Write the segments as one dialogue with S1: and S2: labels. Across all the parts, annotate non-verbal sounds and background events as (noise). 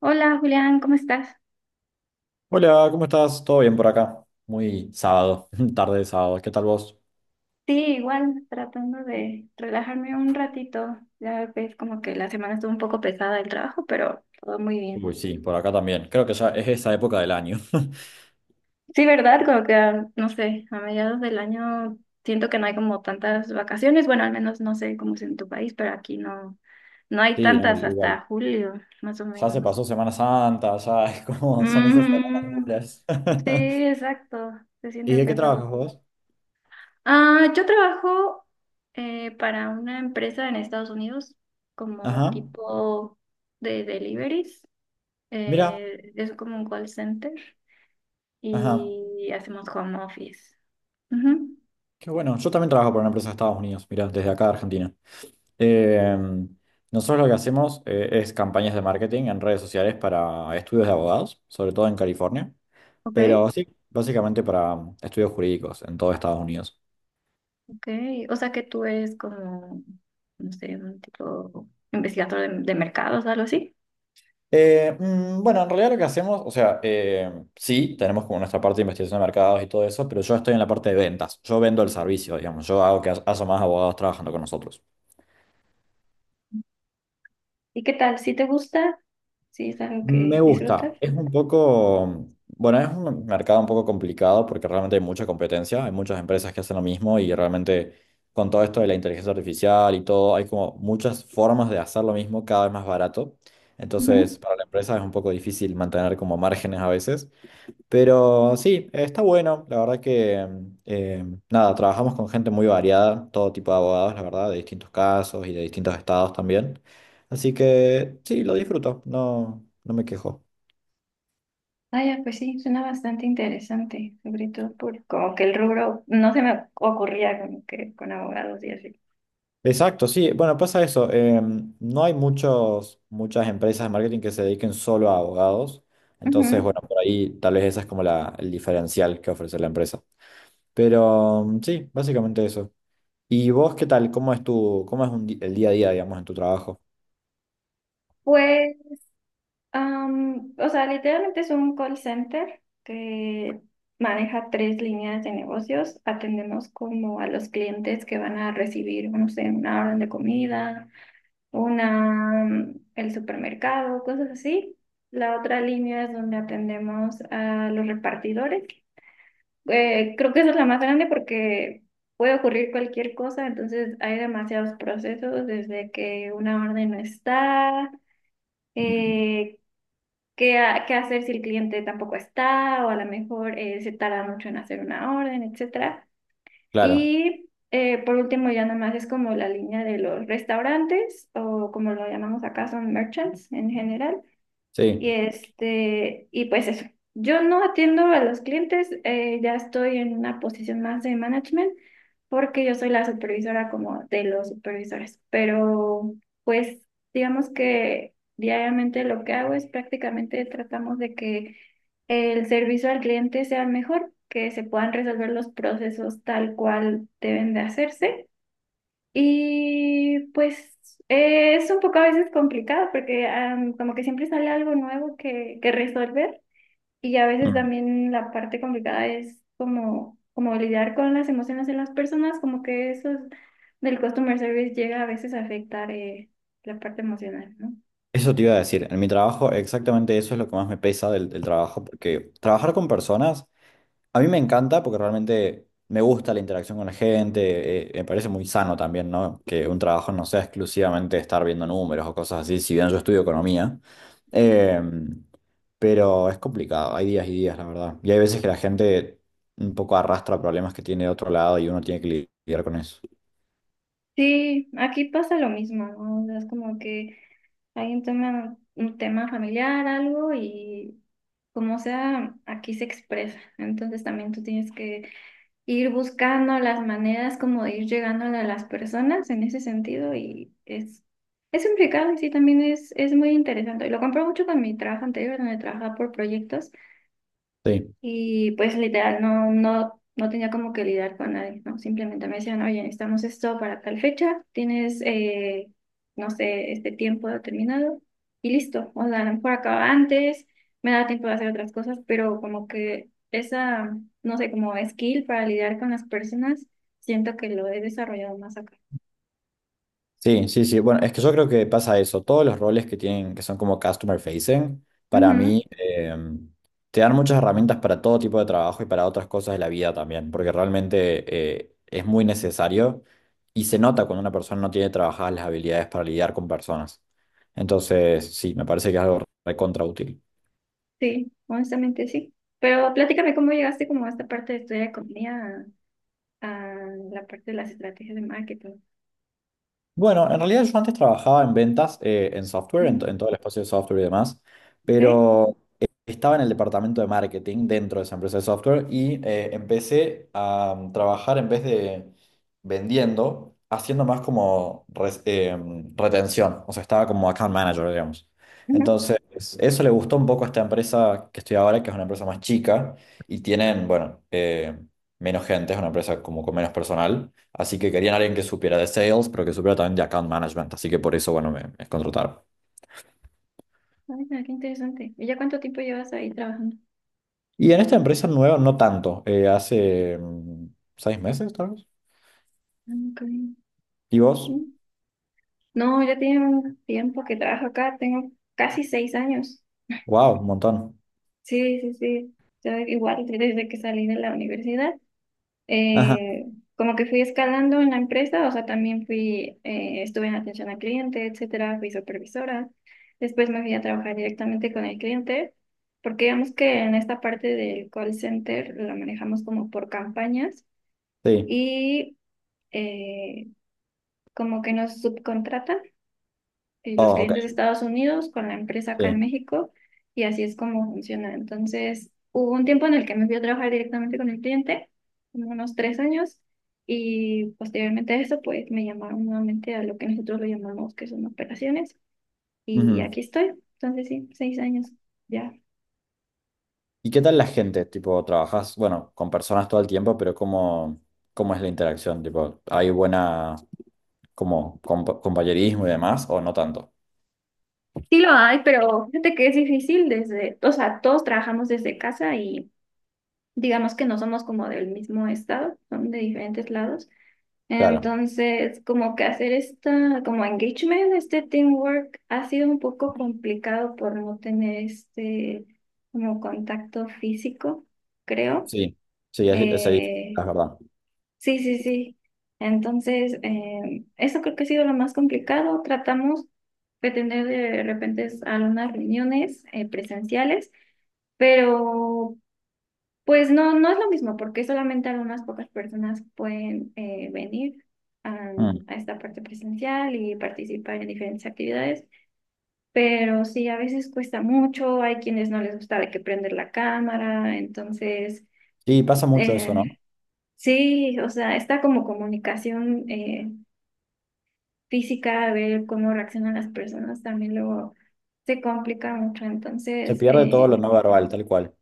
S1: Hola Julián, ¿cómo estás?
S2: Hola, ¿cómo estás? ¿Todo bien por acá? Muy sábado, (laughs) tarde de sábado. ¿Qué tal vos?
S1: Sí, igual tratando de relajarme un ratito. Ya ves, como que la semana estuvo un poco pesada el trabajo, pero todo muy bien.
S2: Uy, sí, por acá también. Creo que ya es esa época del año. (laughs)
S1: Sí, ¿verdad? Como que, no sé, a mediados del año siento que no hay como tantas vacaciones. Bueno, al menos no sé cómo es en tu país, pero aquí no hay
S2: Sí, no,
S1: tantas
S2: igual.
S1: hasta julio, más o
S2: Ya se
S1: menos.
S2: pasó Semana Santa, ya (laughs) es como son esas semanas
S1: Mm,
S2: duras.
S1: sí,
S2: (laughs)
S1: exacto, se
S2: ¿Y
S1: siente
S2: de qué trabajas
S1: pesado.
S2: vos?
S1: Ah, yo trabajo para una empresa en Estados Unidos como
S2: Ajá.
S1: tipo de deliveries.
S2: Mira,
S1: Es como un call center
S2: ajá.
S1: y hacemos home office. Ujú.
S2: Qué bueno. Yo también trabajo para una empresa de Estados Unidos, mira, desde acá de Argentina. Em, Nosotros lo que hacemos es campañas de marketing en redes sociales para estudios de abogados, sobre todo en California.
S1: Ok,
S2: Pero sí, básicamente para estudios jurídicos en todo Estados Unidos.
S1: ok. O sea que tú eres como, no sé, un tipo investigador de mercados, algo así.
S2: Bueno, en realidad lo que hacemos, o sea, sí, tenemos como nuestra parte de investigación de mercados y todo eso, pero yo estoy en la parte de ventas. Yo vendo el servicio, digamos. Yo hago que haya más abogados trabajando con nosotros.
S1: ¿Y qué tal? ¿Si te gusta? ¿Sí es algo
S2: Me
S1: que disfrutas?
S2: gusta. Es un poco, bueno, es un mercado un poco complicado porque realmente hay mucha competencia, hay muchas empresas que hacen lo mismo y realmente con todo esto de la inteligencia artificial y todo, hay como muchas formas de hacer lo mismo cada vez más barato. Entonces, para la empresa es un poco difícil mantener como márgenes a veces. Pero sí, está bueno. La verdad que, eh, nada, trabajamos con gente muy variada, todo tipo de abogados, la verdad, de distintos casos y de distintos estados también. Así que sí, lo disfruto, no, no me quejo.
S1: Ah, ya, pues sí, suena bastante interesante, sobre todo por como que el rubro no se me ocurría como que con abogados y así.
S2: Exacto, sí. Bueno, pasa eso. No hay muchas empresas de marketing que se dediquen solo a abogados. Entonces, bueno,
S1: Ujú.
S2: por ahí tal vez esa es como la, el diferencial que ofrece la empresa. Pero sí, básicamente eso. ¿Y vos qué tal? ¿Cómo es tu, cómo es un el día a día, digamos, en tu trabajo?
S1: Pues, o sea, literalmente es un call center que maneja tres líneas de negocios. Atendemos como a los clientes que van a recibir, no sé, una orden de comida, una, mm, el supermercado, cosas así. La otra línea es donde atendemos a los repartidores. Creo que esa es la más grande porque puede ocurrir cualquier cosa, entonces hay demasiados procesos, desde que una orden no está, eh, qué hacer si el cliente tampoco está, o a lo mejor se tarda mucho en hacer una orden, etcétera.
S2: Claro,
S1: Y por último, ya nomás es como la línea de los restaurantes, o como lo llamamos acá, son merchants en general y
S2: sí.
S1: este, y pues eso. Yo no atiendo a los clientes, ya estoy en una posición más de management porque yo soy la supervisora como de los supervisores, pero pues digamos que diariamente lo que hago es prácticamente tratamos de que el servicio al cliente sea mejor, que se puedan resolver los procesos tal cual deben de hacerse y pues es un poco a veces complicado porque como que siempre sale algo nuevo que resolver y a veces
S2: Mm.
S1: también la parte complicada es como, como lidiar con las emociones de las personas, como que eso es del customer service llega a veces a afectar la parte emocional, ¿no?
S2: Eso te iba a decir, en mi trabajo exactamente eso es lo que más me pesa del, del trabajo, porque trabajar con personas a mí me encanta porque realmente me gusta la interacción con la gente, me parece muy sano también, ¿no? Que un trabajo no sea exclusivamente estar viendo números o cosas así, si bien yo estudio economía. Em, pero es complicado, hay días y días, la verdad, y hay veces que la gente un poco arrastra problemas que tiene de otro lado y uno tiene que lidiar con eso.
S1: Sí, aquí pasa lo mismo, ¿no? O sea, es como que alguien toma un tema familiar, algo y como sea, aquí se expresa, entonces también tú tienes que ir buscando las maneras como de ir llegando a las personas en ese sentido y es complicado, sí, también es muy interesante. Y lo compro mucho con mi trabajo anterior donde trabajaba por proyectos
S2: Sí.
S1: y pues literal, no, no, no tenía como que lidiar con nadie, ¿no? Simplemente me decían, oye, necesitamos esto para tal fecha, tienes, no sé, este tiempo determinado y listo. O sea, a lo mejor acaba antes, me da tiempo de hacer otras cosas, pero como que esa, no sé, como skill para lidiar con las personas, siento que lo he desarrollado más acá.
S2: Sí, sí, sí. Bueno, es que yo creo que pasa eso. Todos los roles que tienen, que son como customer facing, para mí
S1: Ujú.
S2: te dan muchas herramientas para todo tipo de trabajo y para otras cosas de la vida también, porque realmente es muy necesario y se nota cuando una persona no tiene trabajadas las habilidades para lidiar con personas. Entonces, sí, me parece que es algo recontra útil.
S1: Sí, honestamente sí. Pero platícame cómo llegaste como a esta parte de estudiar economía, a, a la parte de las estrategias de marketing.
S2: Bueno, en realidad yo antes trabajaba en ventas, en software, en,
S1: Ujú.
S2: en todo el espacio de software y demás,
S1: ¿Ve?
S2: pero estaba en el departamento de marketing dentro de esa empresa de software y empecé a trabajar en vez de vendiendo, haciendo más como retención, o sea, estaba como account manager, digamos.
S1: Ujú.
S2: Entonces, eso le gustó un poco a esta empresa que estoy ahora, que es una empresa más chica y tienen, bueno, menos gente, es una empresa como con menos personal. Así que querían alguien que supiera de sales, pero que supiera también de account management. Así que por eso, bueno, me contrataron.
S1: Ay, mira, qué interesante. ¿Y ya cuánto tiempo llevas ahí trabajando?
S2: Y en esta empresa nueva, no tanto. Hace mm, 6 meses, tal vez.
S1: Ah, ok.
S2: ¿Y vos?
S1: Mm. No, ya tiene un tiempo que trabajo acá, tengo casi 6 años.
S2: Wow, un montón.
S1: Sí, sí, sí. Yo igual desde que salí de la universidad,
S2: Ajá,
S1: eh, como que fui escalando en la empresa, o sea, también fui, estuve en atención al cliente, etcétera, fui supervisora. Después me fui a trabajar directamente con el cliente, porque digamos que en esta parte del call center la manejamos como por campañas.
S2: sí.
S1: Y eh, como que nos subcontratan los
S2: Oh, ok,
S1: clientes de Estados Unidos con la empresa acá en
S2: sí.
S1: México y así es como funciona. Entonces, hubo un tiempo en el que me fui a trabajar directamente con el cliente, como unos 3 años, y posteriormente a eso, pues me llamaron nuevamente a lo que nosotros lo llamamos que son operaciones y
S2: Ujú.
S1: aquí estoy. Entonces, sí, 6 años ya.
S2: ¿Y qué tal la gente? Tipo, trabajas, bueno, con personas todo el tiempo, pero ¿cómo, cómo es la interacción? Tipo, ¿hay buena, como, compañerismo y demás, o no tanto?
S1: Sí lo hay, pero fíjate que es difícil desde, o sea, todos trabajamos desde casa y digamos que no somos como del mismo estado, son de diferentes lados.
S2: Claro,
S1: Entonces, como que hacer esta, como engagement, este teamwork ha sido un poco complicado por no tener este como contacto físico, creo.
S2: sí. Sí, es difícil, es
S1: Eh,
S2: verdad.
S1: sí, sí, sí. Entonces, eso creo que ha sido lo más complicado. Tratamos de tener de repente algunas reuniones presenciales, pero pues no, no es lo mismo, porque solamente algunas pocas personas pueden venir a,
S2: Mm.
S1: a esta parte presencial y participar en diferentes actividades, pero sí, a veces cuesta mucho, hay quienes no les gusta de que prender la cámara, entonces,
S2: Sí, pasa mucho eso,
S1: eh,
S2: ¿no?
S1: sí, o sea, está como comunicación física, a ver cómo reaccionan las personas, también luego se complica mucho,
S2: Se
S1: entonces...
S2: pierde todo lo
S1: eh,
S2: no verbal, tal cual.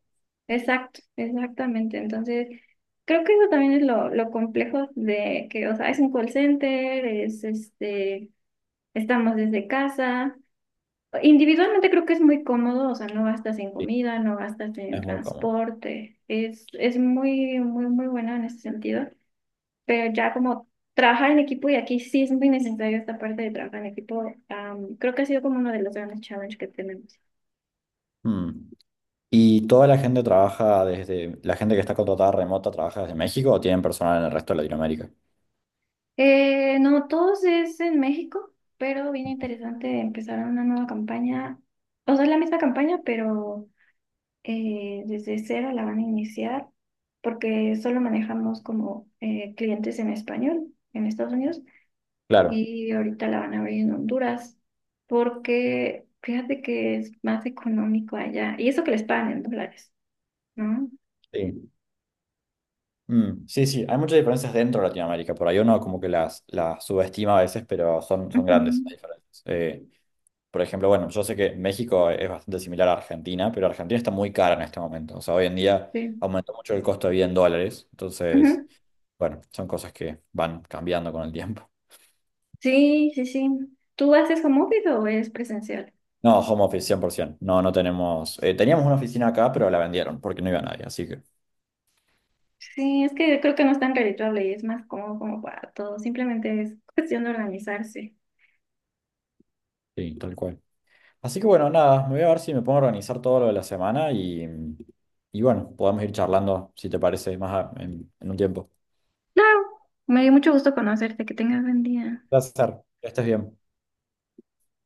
S1: Exacto, exactamente. Entonces, creo que eso también es lo complejo de que, o sea, es un call center, es este, estamos desde casa. Individualmente creo que es muy cómodo, o sea, no gastas en
S2: Sí,
S1: comida, no gastas en
S2: es muy cómodo.
S1: transporte. Es muy, muy, muy bueno en ese sentido. Pero ya como trabajar en equipo, y aquí sí es muy necesario esta parte de trabajar en equipo, creo que ha sido como uno de los grandes challenges que tenemos.
S2: Mm. ¿Y toda la gente trabaja desde, la gente que está contratada remota trabaja desde México o tienen personal en el resto de Latinoamérica?
S1: No, todos es en México, pero bien interesante empezar una nueva campaña. O sea, es la misma campaña, pero desde cero la van a iniciar porque solo manejamos como clientes en español en Estados Unidos
S2: Claro,
S1: y ahorita la van a abrir en Honduras porque fíjate que es más económico allá y eso que les pagan en dólares, ¿no?
S2: sí. Mm. Sí, sí, hay muchas diferencias dentro de Latinoamérica. Por ahí uno como que las subestima a veces, pero son, son grandes las
S1: Ujú.
S2: diferencias. Por ejemplo, bueno, yo sé que México es bastante similar a Argentina, pero Argentina está muy cara en este momento. O sea, hoy en día
S1: Sí.
S2: aumentó mucho el costo de vida en dólares. Entonces,
S1: Ujú.
S2: bueno, son cosas que van cambiando con el tiempo.
S1: Sí, sí, sí. ¿Tú haces home office o es presencial?
S2: No, home office 100%. No, no tenemos. Teníamos una oficina acá, pero la vendieron porque no iba nadie, así que
S1: Sí, es que creo que no es tan redituable y es más cómodo como para todos. Simplemente es cuestión de organizarse.
S2: sí, tal cual. Así que bueno, nada, me voy a ver si me pongo a organizar todo lo de la semana y bueno, podemos ir charlando si te parece más en un tiempo.
S1: Claro, me dio mucho gusto conocerte. Que tengas buen día.
S2: Placer, que estés bien.